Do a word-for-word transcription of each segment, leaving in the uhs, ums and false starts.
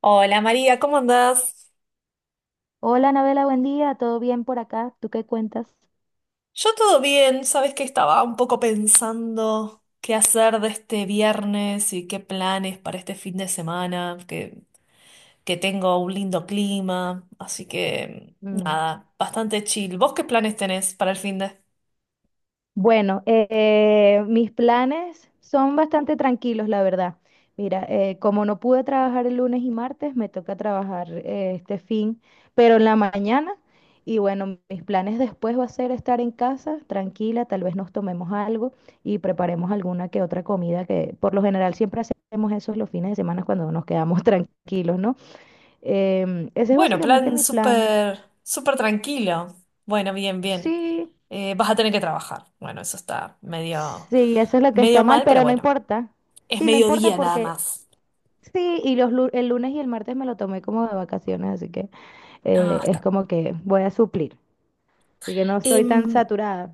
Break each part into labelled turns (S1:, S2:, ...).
S1: Hola María, ¿cómo andás?
S2: Hola, Anabela, buen día. ¿Todo bien por acá? ¿Tú qué cuentas?
S1: Yo todo bien, sabes que estaba un poco pensando qué hacer de este viernes y qué planes para este fin de semana, que, que tengo un lindo clima, así que
S2: Mm,
S1: nada, bastante chill. ¿Vos qué planes tenés para el fin de?
S2: bueno, eh, eh, mis planes son bastante tranquilos, la verdad. Mira, eh, como no pude trabajar el lunes y martes, me toca trabajar eh, este fin, pero en la mañana. Y bueno, mis planes después va a ser estar en casa, tranquila, tal vez nos tomemos algo y preparemos alguna que otra comida, que por lo general siempre hacemos eso los fines de semana cuando nos quedamos tranquilos, ¿no? Em, ese es
S1: Bueno,
S2: básicamente
S1: plan
S2: mi plan.
S1: súper, súper tranquilo. Bueno, bien, bien.
S2: Sí.
S1: Eh, vas a tener que trabajar. Bueno, eso está medio,
S2: Sí, eso es lo que está
S1: medio
S2: mal,
S1: mal, pero
S2: pero no
S1: bueno,
S2: importa.
S1: es
S2: Sí, no importa
S1: mediodía nada
S2: porque
S1: más.
S2: sí, y los lu- el lunes y el martes me lo tomé como de vacaciones, así que
S1: Ah,
S2: eh, es
S1: está.
S2: como que voy a suplir. Así que no estoy tan
S1: Em,
S2: saturada.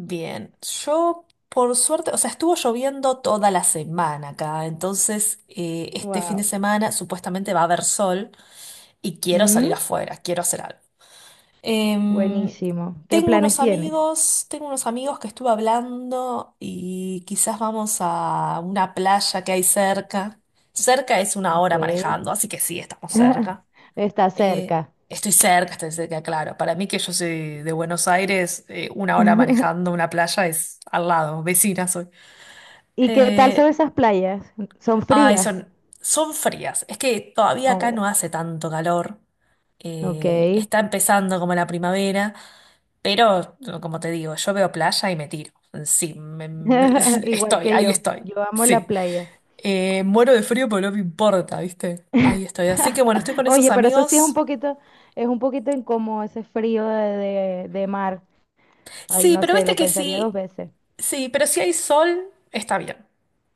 S1: Bien, yo por suerte, o sea, estuvo lloviendo toda la semana acá, entonces eh, este fin de
S2: Wow.
S1: semana supuestamente va a haber sol y quiero salir
S2: Mm,
S1: afuera, quiero hacer algo. Em,
S2: buenísimo. ¿Qué
S1: tengo
S2: planes
S1: unos
S2: tienes?
S1: amigos, tengo unos amigos que estuve hablando y quizás vamos a una playa que hay cerca. Cerca es una
S2: Ok.
S1: hora manejando, así que sí, estamos cerca.
S2: Está
S1: Eh,
S2: cerca.
S1: estoy cerca, estoy cerca, claro. Para mí que yo soy de Buenos Aires, eh, una hora manejando una playa es al lado, vecina soy.
S2: ¿Y qué tal son
S1: Eh,
S2: esas playas? ¿Son
S1: ay,
S2: frías?
S1: son, son frías. Es que todavía acá
S2: Oh,
S1: no hace tanto calor. Eh,
S2: ok.
S1: está empezando como la primavera, pero como te digo, yo veo playa y me tiro. Sí, me- me-
S2: Igual
S1: estoy,
S2: que
S1: ahí
S2: yo.
S1: estoy.
S2: Yo amo la
S1: Sí.
S2: playa.
S1: Eh, muero de frío, pero no me importa, ¿viste? Ahí estoy. Así que bueno, estoy con esos
S2: Oye, pero eso sí es un
S1: amigos.
S2: poquito, es un poquito incómodo ese frío de, de- de mar. Ay,
S1: Sí,
S2: no
S1: pero
S2: sé,
S1: viste
S2: lo
S1: que
S2: pensaría dos
S1: sí,
S2: veces.
S1: sí, pero si hay sol, está bien.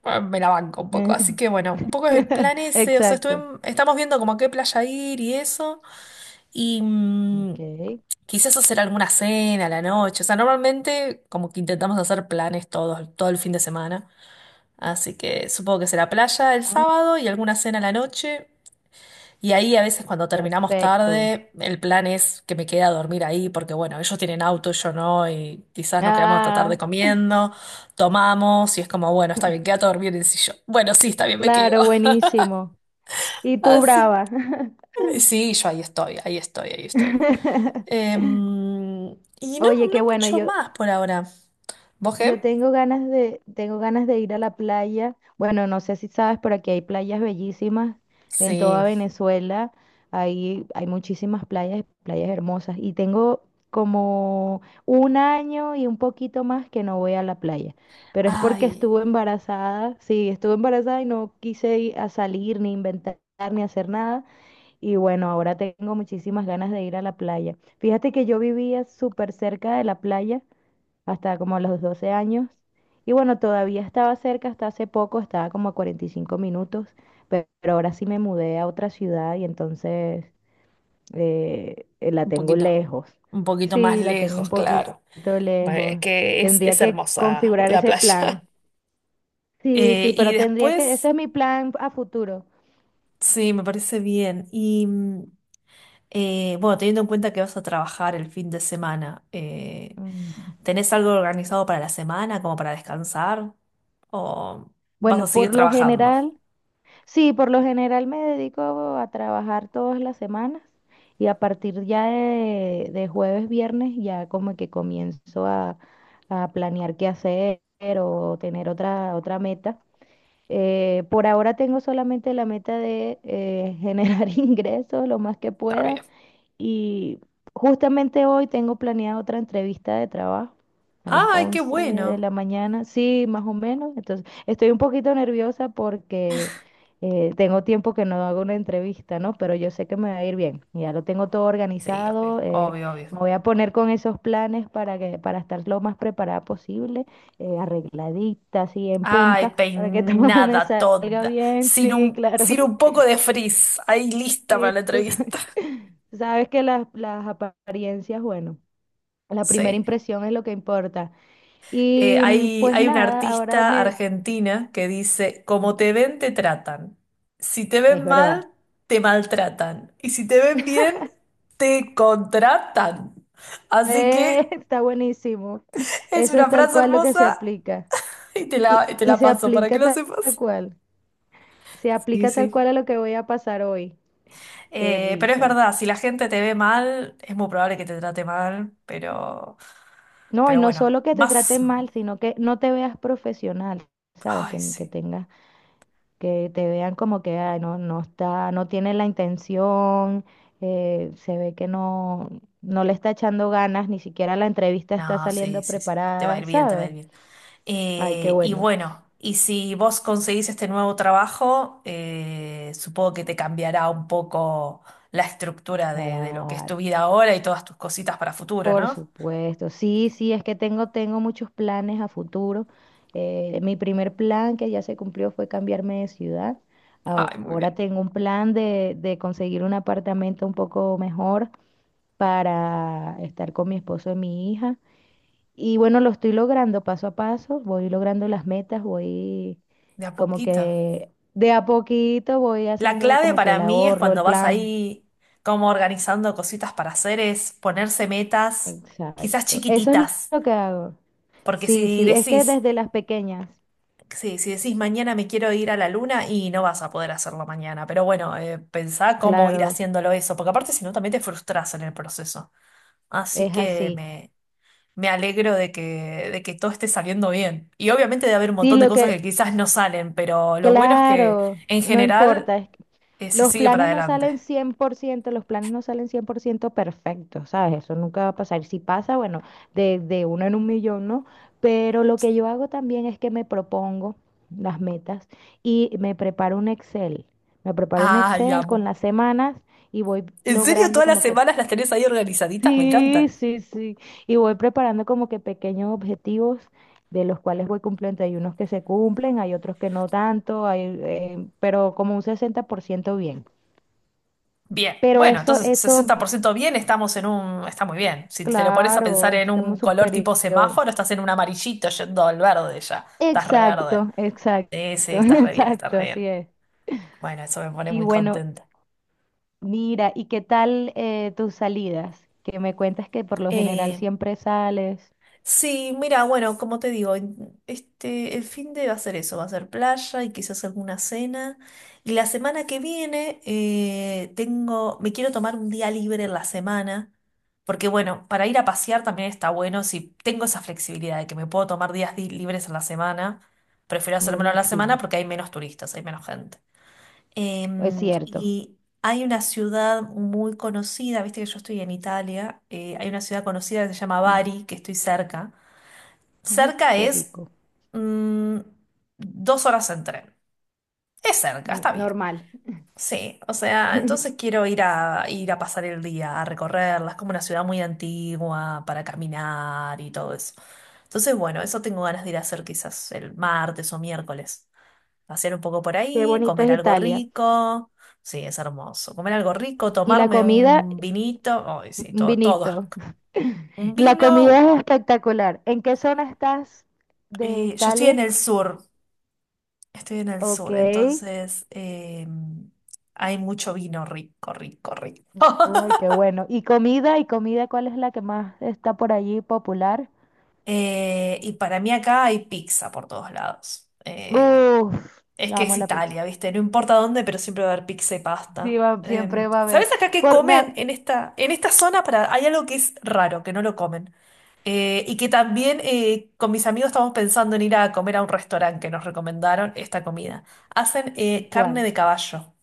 S1: Bueno, me la banco un poco, así que bueno, un poco es el plan ese, o sea,
S2: Exacto.
S1: estuve- estamos viendo como a qué playa ir y eso, y mm,
S2: Ok.
S1: quizás hacer alguna cena a la noche, o sea, normalmente como que intentamos hacer planes todos, todo el fin de semana, así que supongo que será playa el
S2: Ay,
S1: sábado y alguna cena a la noche, y ahí a veces cuando terminamos
S2: perfecto.
S1: tarde, el plan es que me quede a dormir ahí, porque bueno, ellos tienen auto, yo no, y quizás nos quedamos hasta tarde
S2: Ah,
S1: comiendo, tomamos, y es como, bueno, está bien, quédate a dormir en el sillón. Bueno, sí, está bien, me quedo.
S2: claro, buenísimo. Y tú,
S1: Así
S2: brava.
S1: que sí, yo ahí estoy, ahí estoy, ahí estoy. Em, y no,
S2: Oye,
S1: no
S2: qué bueno,
S1: mucho
S2: yo,
S1: más por ahora. ¿Vos
S2: Yo
S1: qué?
S2: tengo ganas de, tengo ganas de ir a la playa. Bueno, no sé si sabes, pero aquí hay playas bellísimas en
S1: Sí.
S2: toda Venezuela. Hay, hay muchísimas playas, playas hermosas. Y tengo como un año y un poquito más que no voy a la playa. Pero es porque
S1: Ay,
S2: estuve embarazada. Sí, estuve embarazada y no quise ir a salir, ni inventar, ni hacer nada. Y bueno, ahora tengo muchísimas ganas de ir a la playa. Fíjate que yo vivía súper cerca de la playa hasta como los doce años. Y bueno, todavía estaba cerca, hasta hace poco, estaba como a cuarenta y cinco minutos, pe- pero ahora sí me mudé a otra ciudad y entonces eh, eh, la
S1: un
S2: tengo
S1: poquito,
S2: lejos.
S1: un poquito más
S2: Sí, la tengo
S1: lejos,
S2: un poquito
S1: claro. Bueno, Es
S2: lejos.
S1: que es,
S2: Tendría
S1: es
S2: que
S1: hermosa
S2: configurar
S1: la
S2: ese
S1: playa.
S2: plan. Sí,
S1: Eh,
S2: sí,
S1: y
S2: pero tendría que, ese
S1: después.
S2: es mi plan a futuro.
S1: Sí, me parece bien. Y mm, eh, bueno, teniendo en cuenta que vas a trabajar el fin de semana, eh,
S2: Mm.
S1: ¿tenés algo organizado para la semana, como para descansar? ¿O vas a
S2: Bueno,
S1: seguir
S2: por lo
S1: trabajando?
S2: general, sí, por lo general me dedico a trabajar todas las semanas y a partir ya de, de jueves, viernes, ya como que comienzo a, a planear qué hacer o tener otra, otra meta. Eh, por ahora tengo solamente la meta de eh, generar ingresos lo más que
S1: Está
S2: pueda
S1: bien.
S2: y justamente hoy tengo planeada otra entrevista de trabajo a las
S1: ¡Ay, qué
S2: once de
S1: bueno!
S2: la mañana, sí, más o menos. Entonces, estoy un poquito nerviosa porque eh, tengo tiempo que no hago una entrevista, ¿no? Pero yo sé que me va a ir bien. Ya lo tengo todo
S1: Sí, obvio,
S2: organizado. Eh,
S1: obvio, obvio.
S2: me voy a poner con esos planes para que, para estar lo más preparada posible, eh, arregladita, así en
S1: ¡Ay,
S2: punta, para que todo me
S1: peinada
S2: salga
S1: toda!
S2: bien.
S1: Sin
S2: Sí,
S1: un,
S2: claro,
S1: sin un poco de frizz. Ahí lista para
S2: sí,
S1: la
S2: tú sa-
S1: entrevista.
S2: tú sabes que las, las apariencias, bueno, la primera
S1: Sí.
S2: impresión es lo que importa.
S1: Eh,
S2: Y mm,
S1: hay,
S2: pues
S1: hay una
S2: nada, ahora
S1: artista
S2: me...
S1: argentina que dice, como te ven, te tratan. Si te
S2: Es
S1: ven
S2: verdad.
S1: mal, te maltratan. Y si te ven bien, te contratan. Así
S2: Eh,
S1: que
S2: está buenísimo.
S1: es
S2: Eso es
S1: una
S2: tal
S1: frase
S2: cual lo que se
S1: hermosa
S2: aplica.
S1: y te
S2: Y,
S1: la, y te
S2: y
S1: la
S2: se
S1: paso para que
S2: aplica
S1: lo
S2: ta- tal
S1: sepas.
S2: cual. Se
S1: Sí,
S2: aplica tal
S1: sí.
S2: cual a lo que voy a pasar hoy. Qué
S1: Eh, pero es
S2: risa.
S1: verdad, si la gente te ve mal, es muy probable que te trate mal, pero,
S2: No, y
S1: pero
S2: no
S1: bueno,
S2: solo que te
S1: más...
S2: traten mal, sino que no te veas profesional, ¿sabes?
S1: Ay,
S2: Ten- que
S1: sí.
S2: tengas que te vean como que "Ay, no, no está, no tiene la intención, eh, se ve que no, no le está echando ganas, ni siquiera la entrevista está
S1: No, sí,
S2: saliendo
S1: sí, sí. Te va a
S2: preparada,
S1: ir bien, te va a ir
S2: ¿sabes?
S1: bien.
S2: Ay, qué
S1: Eh, y
S2: bueno.
S1: bueno, y si vos conseguís este nuevo trabajo, eh, supongo que te cambiará un poco la estructura de, de lo que es
S2: Claro.
S1: tu vida ahora y todas tus cositas para futuro,
S2: Por
S1: ¿no?
S2: supuesto, sí, sí, es que tengo, tengo muchos planes a futuro. Eh, mi primer plan que ya se cumplió fue cambiarme de ciudad.
S1: Ay, muy
S2: Ahora
S1: bien.
S2: tengo un plan de, de conseguir un apartamento un poco mejor para estar con mi esposo y mi hija. Y bueno, lo estoy logrando paso a paso, voy logrando las metas, voy
S1: De a
S2: como
S1: poquito.
S2: que de a poquito voy
S1: La
S2: haciendo
S1: clave
S2: como que
S1: para
S2: el
S1: mí es
S2: ahorro, el
S1: cuando vas
S2: plan.
S1: ahí como organizando cositas para hacer es ponerse metas quizás
S2: Exacto. Eso es
S1: chiquititas,
S2: lo que hago.
S1: porque
S2: Sí,
S1: si
S2: sí, es que
S1: decís,
S2: desde las pequeñas,
S1: sí, si decís mañana me quiero ir a la luna y no vas a poder hacerlo mañana, pero bueno, eh, pensá cómo ir
S2: claro,
S1: haciéndolo eso, porque aparte si no también te frustras en el proceso. Así
S2: es
S1: que
S2: así.
S1: me, me alegro de que, de que todo esté saliendo bien. Y obviamente debe haber un
S2: Sí,
S1: montón de
S2: lo
S1: cosas
S2: que,
S1: que quizás no salen, pero lo bueno es que
S2: claro,
S1: en
S2: no
S1: general
S2: importa, es
S1: eh, se
S2: los
S1: sigue para
S2: planes no
S1: adelante.
S2: salen cien por ciento, los planes no salen cien por ciento perfectos, ¿sabes? Eso nunca va a pasar. Si pasa, bueno, de, de uno en un millón, ¿no? Pero lo que yo hago también es que me propongo las metas y me preparo un Excel. Me preparo un
S1: Ay,
S2: Excel con
S1: amo.
S2: las semanas y voy
S1: ¿En serio
S2: logrando
S1: todas las
S2: como que,
S1: semanas las tenés ahí organizaditas? Me
S2: sí,
S1: encanta.
S2: sí, sí, y voy preparando como que pequeños objetivos de los cuales voy cumpliendo. Hay unos que se cumplen, hay otros que no tanto, hay, eh, pero como un sesenta por ciento bien.
S1: Bien,
S2: Pero
S1: bueno,
S2: eso,
S1: entonces
S2: eso,
S1: sesenta por ciento bien, estamos en un, está muy bien. Si te lo pones a
S2: claro,
S1: pensar en
S2: estamos
S1: un color tipo
S2: superior.
S1: semáforo, estás en un amarillito yendo al verde ya, estás re verde.
S2: Exacto, exacto,
S1: Sí, sí, estás re bien, estás
S2: exacto,
S1: re
S2: así
S1: bien.
S2: es.
S1: Bueno, eso me pone
S2: Y
S1: muy
S2: bueno,
S1: contenta.
S2: mira, ¿y qué tal eh, tus salidas? Que me cuentas que por lo general
S1: Eh,
S2: siempre sales.
S1: Sí, mira, bueno, como te digo, en- este, el fin de va a ser eso, va a ser playa y quizás alguna cena. Y la semana que viene eh, tengo, me quiero tomar un día libre en la semana, porque bueno, para ir a pasear también está bueno, si tengo esa flexibilidad de que me puedo tomar días di- libres en la semana, prefiero hacérmelo en la semana
S2: Buenísimo,
S1: porque hay menos turistas, hay menos gente.
S2: es
S1: Em,
S2: cierto.
S1: y hay una ciudad muy conocida, viste que yo estoy en Italia, eh, hay una ciudad conocida que se llama
S2: Mm,
S1: Bari, que estoy cerca.
S2: ay,
S1: Cerca
S2: qué
S1: es
S2: rico.
S1: mm, dos horas en tren. Es cerca,
S2: Mm,
S1: está bien.
S2: normal.
S1: Sí, o sea, entonces quiero ir a ir a pasar el día, a recorrerla. Es como una ciudad muy antigua para caminar y todo eso. Entonces, bueno, eso tengo ganas de ir a hacer quizás el martes o miércoles. Pasear un poco por
S2: Qué
S1: ahí,
S2: bonito
S1: comer
S2: es
S1: algo
S2: Italia.
S1: rico. Sí, es hermoso. Comer algo rico,
S2: Y la
S1: tomarme
S2: comida,
S1: un vinito. Ay, sí,
S2: un
S1: todo, todo es
S2: vinito.
S1: rico. Un
S2: La comida
S1: vino.
S2: es espectacular. ¿En qué zona estás de
S1: eh, yo estoy en
S2: Italia?
S1: el sur. Estoy en el
S2: Ok.
S1: sur, entonces em, hay mucho vino rico, rico, rico.
S2: Ay, qué bueno. ¿Y comida? ¿Y comida cuál es la que más está por allí popular?
S1: Eh, y para mí acá hay pizza por todos lados. Eh,
S2: Uf,
S1: es que
S2: amo
S1: es
S2: la pizza.
S1: Italia, ¿viste? No importa dónde, pero siempre va a haber pizza y
S2: Sí,
S1: pasta.
S2: va-
S1: Eh,
S2: siempre va a haber.
S1: ¿sabes acá qué
S2: Por, me,
S1: comen
S2: ha-
S1: en esta, en esta zona? Para, hay algo que es raro, que no lo comen. Eh, y que también eh, con mis amigos estamos pensando en ir a comer a un restaurante que nos recomendaron esta comida. Hacen eh, carne
S2: ¿cuál?
S1: de caballo.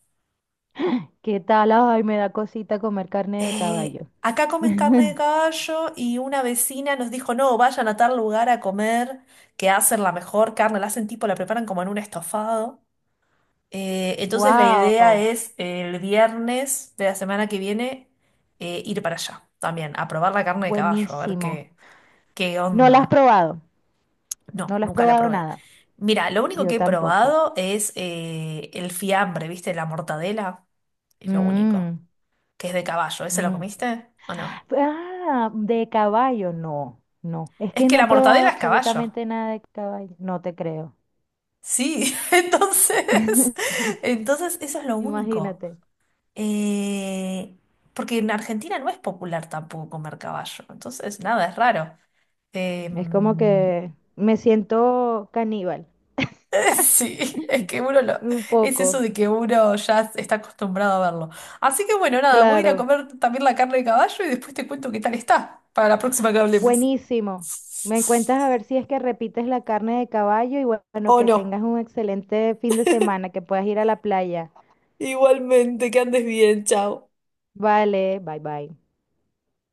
S2: ¿Qué tal? Ay, me da cosita comer carne de
S1: Eh,
S2: caballo.
S1: acá comen carne de caballo y una vecina nos dijo, no, vayan a tal lugar a comer, que hacen la mejor carne, la hacen tipo, la preparan como en un estofado. Eh, entonces la idea
S2: Wow,
S1: es eh, el viernes de la semana que viene eh, ir para allá también, a probar la carne de caballo, a ver
S2: buenísimo.
S1: qué, qué
S2: No la has
S1: onda.
S2: probado, no
S1: No,
S2: la has
S1: nunca la
S2: probado
S1: probé.
S2: nada.
S1: Mira, lo único
S2: Yo
S1: que he
S2: tampoco.
S1: probado es eh, el fiambre, ¿viste? La mortadela, es lo único,
S2: Mm,
S1: que es de caballo. ¿Ese lo
S2: mm.
S1: comiste o no?
S2: Ah, de caballo, no, no. Es
S1: Es
S2: que
S1: que
S2: no he
S1: la
S2: probado
S1: mortadela es caballo.
S2: absolutamente nada de caballo. No te creo.
S1: Sí, entonces, entonces eso es lo único.
S2: Imagínate,
S1: Eh, Porque en Argentina no es popular tampoco comer caballo. Entonces, nada, es raro.
S2: es como
S1: Em,
S2: que me siento caníbal,
S1: sí, es que uno lo,
S2: un
S1: es eso
S2: poco,
S1: de que uno ya está acostumbrado a verlo. Así que bueno, nada, voy a ir a
S2: claro,
S1: comer también la carne de caballo y después te cuento qué tal está para la próxima que hablemos.
S2: buenísimo. Me cuentas a ver si es que repites la carne de caballo y bueno,
S1: O
S2: que
S1: no.
S2: tengas un excelente fin de semana, que puedas ir a la playa.
S1: Igualmente, que andes bien, chao.
S2: Vale, bye bye.